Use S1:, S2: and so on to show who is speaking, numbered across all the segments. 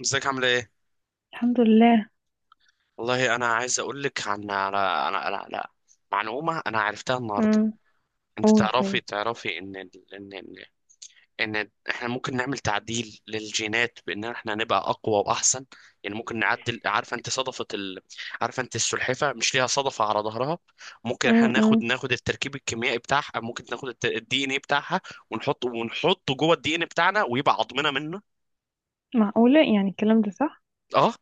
S1: ازيك عامله ايه؟
S2: الحمد لله.
S1: والله انا عايز اقول لك عن على معلومه انا عرفتها النهارده.
S2: امم.
S1: انت
S2: قول
S1: تعرفي
S2: طيب.
S1: تعرفي ان ال- ان ان ان احنا ممكن نعمل تعديل للجينات بان احنا نبقى اقوى واحسن. يعني ممكن نعدل، عارفه انت صدفه عارفه انت السلحفه مش ليها صدفه على ظهرها؟ ممكن احنا
S2: امم.
S1: ناخد التركيب الكيميائي بتاعها، ممكن ناخد الدي ان ايه بتاعها ونحطه جوه الدي ان بتاعنا ويبقى عظمنا منه.
S2: معقولة، يعني الكلام ده صح؟
S1: اه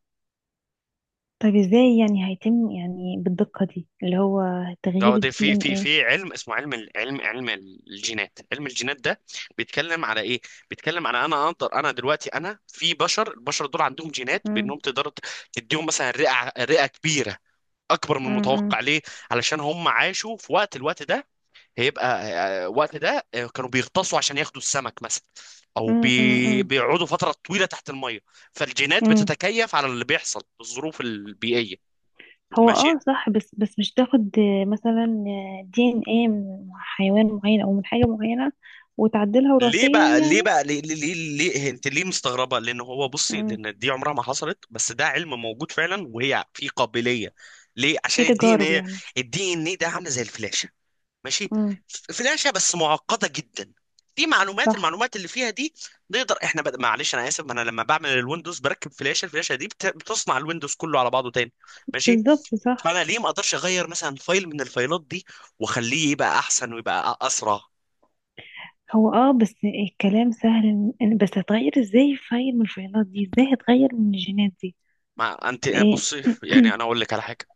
S2: طيب، ازاي يعني هيتم يعني بالدقة دي اللي هو تغيير
S1: اه، ده
S2: الدي
S1: في
S2: ان
S1: في
S2: ايه؟
S1: في علم اسمه علم الجينات علم الجينات ده بيتكلم على ايه؟ بيتكلم على انا دلوقتي انا في بشر. البشر دول عندهم جينات
S2: امم.
S1: بانهم تقدر تديهم مثلا رئة كبيرة اكبر من
S2: امم.
S1: المتوقع. ليه؟ علشان هم عاشوا في الوقت ده. هيبقى وقت ده، كانوا بيغطسوا عشان ياخدوا السمك مثلا، او
S2: امم.
S1: بيقعدوا فترة طويلة تحت المية. فالجينات
S2: امم.
S1: بتتكيف على اللي بيحصل، الظروف البيئية.
S2: هو
S1: ماشي.
S2: اه صح. بس بس مش تاخد، مثلا دي ان ايه من حيوان معين او من حاجة معينة، وتعدلها
S1: ليه
S2: وراثيا
S1: بقى ليه
S2: يعني.
S1: بقى ليه ليه ليه, ليه؟ انت ليه مستغربه؟ لان هو بصي،
S2: امم.
S1: لان دي عمرها ما حصلت، بس ده علم موجود فعلا وهي في قابليه. ليه؟ عشان
S2: في
S1: الدي ان
S2: تجارب
S1: ايه،
S2: يعني؟
S1: الدي ان ايه ده عامله زي الفلاشه. ماشي.
S2: امم.
S1: فلاشه بس معقده جدا. في معلومات
S2: صح.
S1: المعلومات اللي فيها دي نقدر احنا معلش انا اسف. ما انا لما بعمل الويندوز بركب فلاشه، الفلاشه دي بتصنع الويندوز كله على بعضه تاني. ماشي.
S2: بالظبط صح.
S1: فانا ليه ما اقدرش اغير مثلا فايل من الفايلات دي واخليه يبقى احسن ويبقى اسرع؟
S2: هو اه بس الكلام سهل، بس هتغير ازاي فايل من الفايلات دي؟ ازاي هتغير من الجينات دي؟
S1: ما انت
S2: ايه؟
S1: بصي، يعني انا اقول لك على حاجه.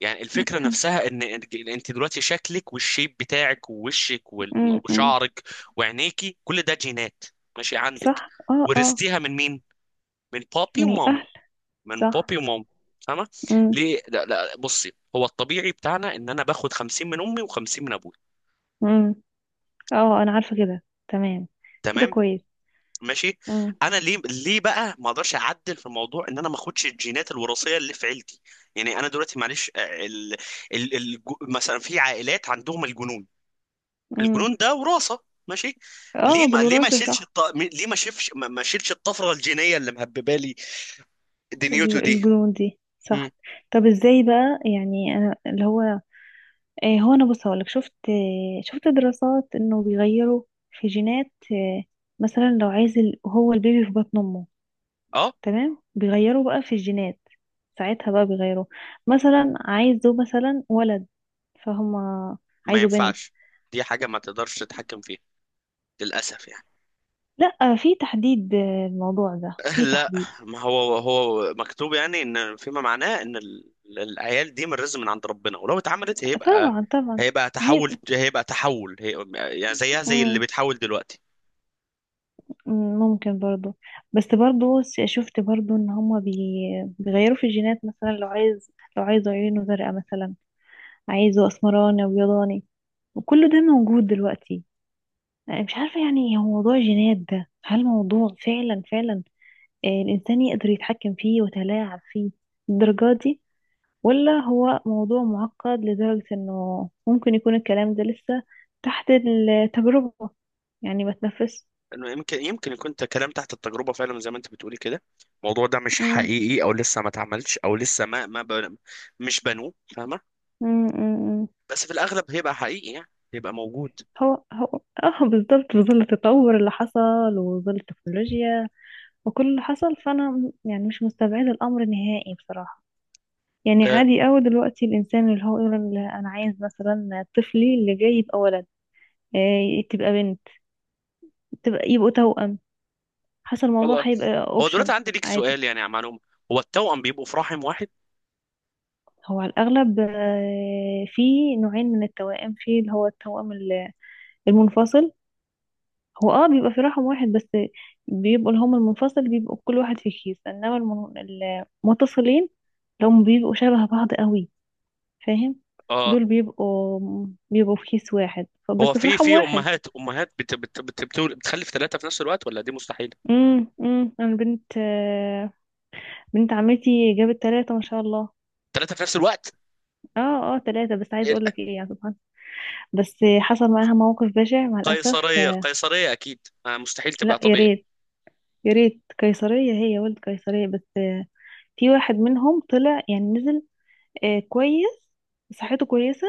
S1: يعني الفكره نفسها ان انت دلوقتي شكلك والشيب بتاعك ووشك
S2: م.
S1: وشعرك وعينيكي، كل ده جينات. ماشي، عندك؟
S2: صح. اه اه.
S1: ورثتيها من مين؟ من بابي
S2: من
S1: ومامي.
S2: الاهل.
S1: من
S2: صح.
S1: بابي ومامي، فاهمه؟
S2: م-
S1: ليه لا لا، بصي، هو الطبيعي بتاعنا ان انا باخد 50 من امي و50 من ابوي.
S2: م. اه، انا عارفه كده تمام. كده
S1: تمام،
S2: كويس.
S1: ماشي.
S2: م-
S1: انا ليه بقى ما اقدرش اعدل في الموضوع ان انا ما اخدش الجينات الوراثيه اللي في عيلتي؟ يعني انا دلوقتي معلش، مثلا في عائلات عندهم الجنون.
S2: م.
S1: الجنون ده وراثه. ماشي.
S2: اه،
S1: ليه ما ليه ما
S2: بالوراثه
S1: شيلش
S2: صح.
S1: الط... ليه ما شيلش ما ما شيلش الطفره الجينيه اللي مهببه لي دنيوتو دي؟
S2: الجنون دي
S1: امم،
S2: صح. طب، ازاي بقى يعني انا اللي هو، هو انا بص هقولك، شفت دراسات انه بيغيروا في جينات، مثلا لو عايز هو البيبي في بطن امه
S1: اه،
S2: تمام، بيغيروا بقى في الجينات. ساعتها بقى بيغيروا، مثلا عايزه مثلا ولد. فهم.
S1: ما
S2: عايزه بنت.
S1: ينفعش. دي حاجه ما تقدرش تتحكم فيها للاسف يعني.
S2: لا، في تحديد، الموضوع ده في
S1: لا،
S2: تحديد.
S1: ما هو هو مكتوب يعني، ان فيما معناه ان العيال دي من رزق من عند ربنا، ولو اتعملت هيبقى،
S2: طبعا طبعا.
S1: هيبقى
S2: هي.
S1: تحول هيبقى تحول هي. يعني زيها زي اللي
S2: مم.
S1: بيتحول دلوقتي.
S2: مم. ممكن برضو. بس برضو، شفت برضو ان هما بيغيروا في الجينات، مثلا لو عايز عيونه زرقاء مثلا، عايزه اسمراني وابيضاني، وكل ده موجود دلوقتي. انا مش عارفه يعني هو موضوع الجينات ده، هل موضوع فعلا فعلا الانسان يقدر يتحكم فيه ويتلاعب فيه للدرجه دي، ولا هو موضوع معقد لدرجه انه ممكن يكون الكلام ده لسه تحت التجربه، يعني ما تنفس.
S1: انه يمكن يكون كلام تحت التجربه فعلا زي ما انت بتقولي كده. الموضوع ده مش
S2: مم.
S1: حقيقي او لسه ما اتعملش او لسه ما ما بن- مش بنوه، فاهمه؟
S2: مم. مم. مم.
S1: بس في الاغلب هيبقى حقيقي يعني، هيبقى موجود.
S2: هو اه بالظبط، بظل التطور اللي حصل وظل التكنولوجيا وكل اللي حصل، فانا يعني مش مستبعدة الامر نهائي بصراحة. يعني
S1: آه
S2: عادي قوي دلوقتي الانسان اللي هو يقول انا عايز مثلا طفلي اللي جاي يبقى ولد، تبقى بنت، تبقى يبقوا توأم، حسب الموضوع
S1: والله.
S2: هيبقى
S1: هو دلوقتي
S2: اوبشن.
S1: عندي ليك
S2: عادي.
S1: سؤال يعني، يا معلوم، هو التوأم بيبقوا في رحم واحد؟
S2: هو على الاغلب، في نوعين من التوائم، في اللي هو التوأم المنفصل. هو اه بيبقى في رحم واحد، بس بيبقوا اللي هم المنفصل بيبقوا كل واحد في كيس، انما المتصلين اللي هم بيبقوا شبه بعض قوي، فاهم؟
S1: اه.
S2: دول بيبقوا، في كيس واحد، بس
S1: هو
S2: في
S1: في
S2: رحم
S1: في
S2: واحد.
S1: امهات، بتخلف ثلاثه في نفس الوقت ولا دي مستحيله؟
S2: انا بنت، بنت عمتي جابت ثلاثة ما شاء الله.
S1: ثلاثه في نفس الوقت؟
S2: اه اه ثلاثة. بس عايز اقول لك ايه يا سبحان، بس حصل معاها موقف بشع مع الاسف
S1: قيصريه، قيصريه اكيد، مستحيل تبقى
S2: لا يا
S1: طبيعي.
S2: ريت. يا ريت قيصرية، هي ولد قيصرية، بس في واحد منهم طلع، يعني نزل كويس، صحته كويسة،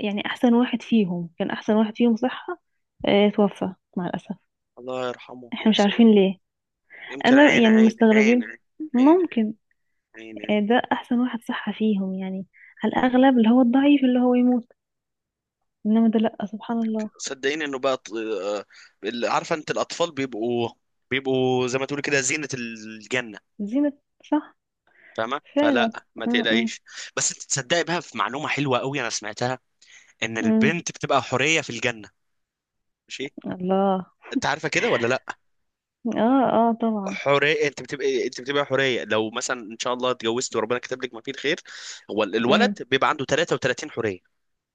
S2: يعني احسن واحد فيهم كان احسن واحد فيهم صحة، توفى مع الاسف.
S1: الله يرحمه
S2: احنا مش
S1: ويحسن إليه.
S2: عارفين ليه.
S1: يمكن
S2: انا
S1: عين
S2: يعني
S1: عين عين
S2: مستغربين.
S1: عين. عين.
S2: ممكن.
S1: عين, عين.
S2: ده احسن واحد صح فيهم يعني، على الاغلب اللي هو الضعيف اللي هو يموت، انما ده لا، سبحان الله.
S1: صدقيني انه بقى عارفه انت الاطفال بيبقوا، بيبقوا زي ما تقولي كده زينه الجنه،
S2: زينة. صح.
S1: فاهمه؟
S2: فعلا.
S1: فلا ما
S2: م -م.
S1: تقلقيش. بس انت تصدقي بقى، في معلومه حلوه قوي انا سمعتها، ان
S2: م.
S1: البنت بتبقى حوريه في الجنه. ماشي.
S2: الله.
S1: انت عارفه كده ولا لا؟
S2: اه اه طبعا.
S1: حريه، انت بتبقى، انت بتبقى حريه لو مثلا ان شاء الله اتجوزت وربنا كتب لك ما فيه الخير. هو
S2: م.
S1: الولد بيبقى عنده 33 حريه.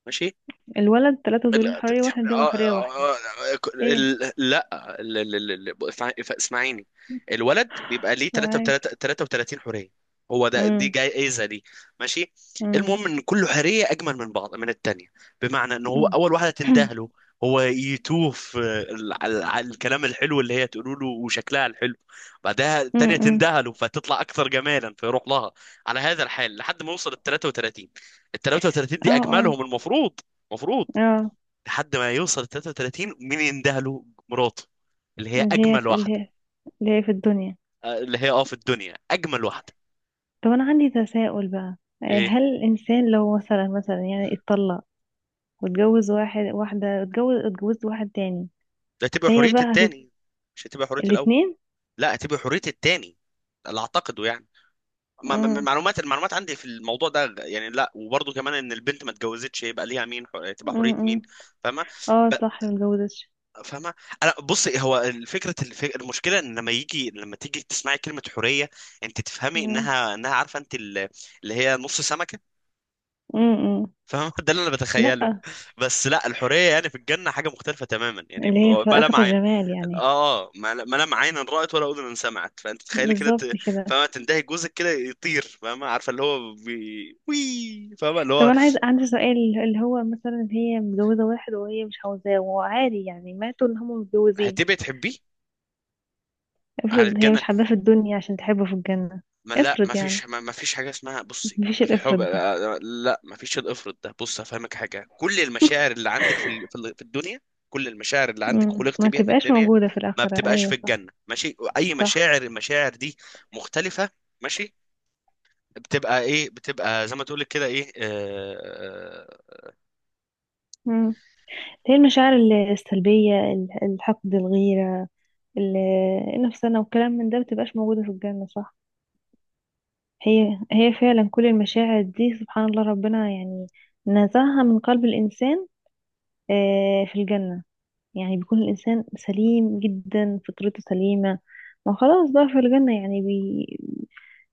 S1: ماشي.
S2: الولد ثلاثة ذرية،
S1: لا ت-
S2: حرية
S1: ت-
S2: واحدة، دي
S1: آه،
S2: حرية واحدة.
S1: آه، آه، ك-
S2: ايه؟
S1: ال- لا اسمعيني. الولد بيبقى ليه 3
S2: سامعاك.
S1: 33 حوريه. هو ده، دي
S2: م.
S1: جايزه دي. ماشي.
S2: م.
S1: المهم ان كل حوريه اجمل من بعض، من التانيه. بمعنى ان هو
S2: م.
S1: اول واحده تنده له هو يتوه في الكلام الحلو اللي هي تقوله له وشكلها الحلو. بعدها
S2: م.
S1: التانيه
S2: م.
S1: تنده له فتطلع اكثر جمالا فيروح لها. على هذا الحال لحد ما يوصل ال 33. ال 33
S2: اه
S1: دي
S2: اه
S1: اجملهم، المفروض، المفروض.
S2: اه،
S1: لحد ما يوصل 33، مين يندهله له؟ مراته، اللي هي
S2: اللي هي
S1: اجمل
S2: في اللي
S1: واحده.
S2: هي اللي هي في الدنيا.
S1: اللي هي اه في الدنيا اجمل واحده.
S2: طب انا عندي تساؤل بقى،
S1: ايه؟
S2: هل الانسان لو مثلا يعني اتطلق واتجوز واحد، واحدة اتجوز اتجوزت واحد تاني،
S1: ده تبقى
S2: فهي
S1: حريه
S2: بقى
S1: التاني، مش هتبقى حريه الاول.
S2: الاتنين؟
S1: لا، هتبقى حريه التاني، اللي اعتقده يعني. ما- ما- ما-
S2: مم.
S1: معلومات المعلومات عندي في الموضوع ده يعني، لا، وبرضه كمان ان البنت ما اتجوزتش، يبقى ليها مين؟ تبقى
S2: مم.
S1: حريه
S2: مم.
S1: مين؟ فاهمه؟ ب-
S2: اه صح، متجوزتش.
S1: فاهمه. انا بصي، هو الفكره المشكله ان لما يجي لما تيجي تسمعي كلمه حريه انت تفهمي
S2: مم.
S1: انها، انها عارفه انت اللي هي نص سمكه،
S2: مم. مم.
S1: فاهم؟ ده اللي انا بتخيله.
S2: لأ.
S1: بس لا، الحوريه يعني في الجنه حاجه مختلفه تماما يعني،
S2: اللي هي
S1: ما
S2: فائقة
S1: لا عين.
S2: الجمال يعني.
S1: اه اه، ما لا عين رأت ولا اذن سمعت. فانت تخيلي كده،
S2: بالظبط كده.
S1: فاهمه، تنتهي جوزك كده يطير. فاهمه، عارفه اللي هو وي، فاهمه اللي
S2: طب
S1: هو،
S2: انا عندي سؤال، اللي هو مثلا هي متجوزة واحد وهي مش عاوزاه، وعادي يعني ماتوا ان هم متجوزين.
S1: هتبقي تحبيه على
S2: افرض هي
S1: الجنه.
S2: مش حباه في الدنيا، عشان تحبه في الجنة.
S1: ما لا، ما
S2: افرض يعني.
S1: فيش ما ما فيش حاجه اسمها بصي
S2: مفيش
S1: الحب،
S2: الافرض ده.
S1: لا، ما فيش الافرط ده. بص هفهمك حاجه: كل المشاعر اللي عندك في الدنيا، كل المشاعر اللي عندك
S2: مم.
S1: خلقت
S2: ما
S1: بيها في
S2: تبقاش
S1: الدنيا،
S2: موجودة في
S1: ما
S2: الآخرة،
S1: بتبقاش في
S2: ايوه صح.
S1: الجنه. ماشي؟ اي
S2: صح.
S1: مشاعر، المشاعر دي مختلفه. ماشي. بتبقى ايه؟ بتبقى زي ما تقولك كده ايه،
S2: هي المشاعر السلبية، الحقد، الغيرة، ال- النفسانة، والكلام من ده متبقاش موجودة في الجنة صح. هي فعلا كل المشاعر دي سبحان الله، ربنا يعني نزعها من قلب الإنسان في الجنة. يعني بيكون الإنسان سليم جدا، فطرته سليمة، ما خلاص بقى في الجنة، يعني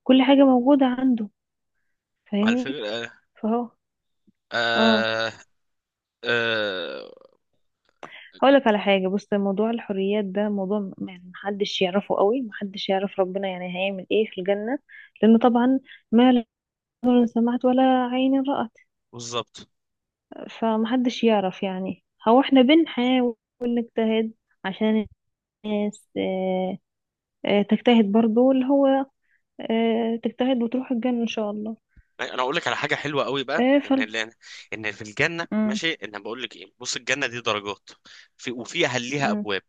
S2: كل حاجة موجودة عنده.
S1: مع
S2: فاهمني؟
S1: الفكره، آه،
S2: فهو اه
S1: آه، آه،
S2: هقولك على حاجة. بص، موضوع الحريات ده موضوع، يعني محدش يعرفه قوي، محدش يعرف ربنا يعني هيعمل ايه في الجنة. لأنه طبعا ما لا أذن سمعت ولا عين رأت،
S1: بالظبط.
S2: فمحدش يعرف يعني. هو احنا بنحاول نجتهد عشان الناس، اه، اه تجتهد برضو اللي هو اه تجتهد وتروح الجنة إن شاء الله.
S1: انا اقول لك على حاجه حلوه قوي بقى،
S2: اه
S1: ان
S2: فل.
S1: اللي، ان في الجنه
S2: مم.
S1: ماشي، ان انا بقول لك ايه، بص، الجنه دي درجات، في وفيها ليها
S2: مم.
S1: ابواب.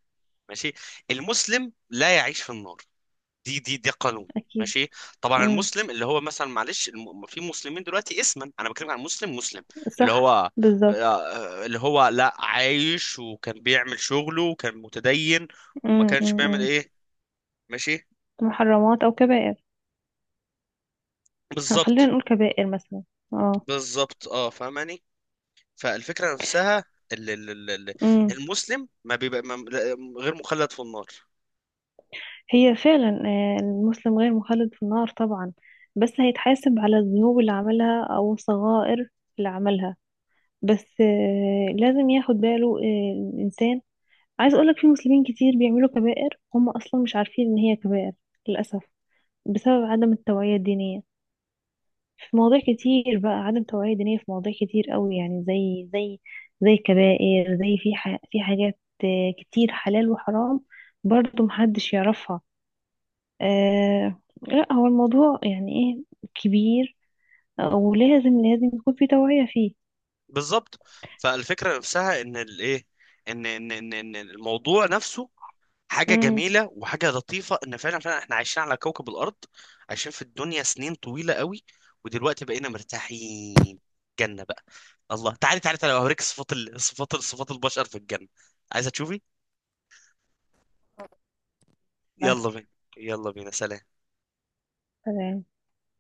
S1: ماشي. المسلم لا يعيش في النار، دي ده قانون.
S2: أكيد.
S1: ماشي. طبعا
S2: مم.
S1: المسلم اللي هو مثلا، معلش، في مسلمين دلوقتي اسما، انا بتكلم عن مسلم مسلم، اللي هو
S2: صح. بالظبط.
S1: اللي هو لا عايش وكان بيعمل شغله وكان متدين، وما
S2: مم.
S1: كانش
S2: مم.
S1: بيعمل
S2: مم.
S1: ايه. ماشي.
S2: محرمات أو كبائر. خلينا
S1: بالظبط،
S2: نقول كبائر مثلا. اه.
S1: بالظبط، اه، فاهماني. فالفكرة نفسها ال- ال- ال- ال-
S2: امم.
S1: المسلم ما بيبقى ما غير مخلد في النار،
S2: هي فعلا المسلم غير مخلد في النار طبعا، بس هيتحاسب على الذنوب اللي عملها او الصغائر اللي عملها. بس لازم ياخد باله الانسان. عايز اقولك في مسلمين كتير بيعملوا كبائر، هم اصلا مش عارفين ان هي كبائر، للاسف، بسبب عدم التوعية الدينية. في مواضيع كتير بقى، عدم توعية دينية في مواضيع كتير قوي، يعني زي زي الكبائر، زي في في حاجات كتير حلال وحرام، برضه محدش يعرفها. آه لا، هو الموضوع يعني ايه، كبير، ولازم يكون في توعية فيه.
S1: بالظبط. فالفكرة نفسها ان الايه، ان الموضوع نفسه حاجة
S2: امم.
S1: جميلة وحاجة لطيفة، ان فعلا فعلا احنا عايشين على كوكب الارض، عايشين في الدنيا سنين طويلة قوي، ودلوقتي بقينا مرتاحين، جنة بقى. الله. تعالي تعالي تعالي اوريك صفات صفات البشر في الجنة. عايزة تشوفي؟ يلا
S2: بعتلي.
S1: بينا، يلا بينا. سلام.
S2: تمام.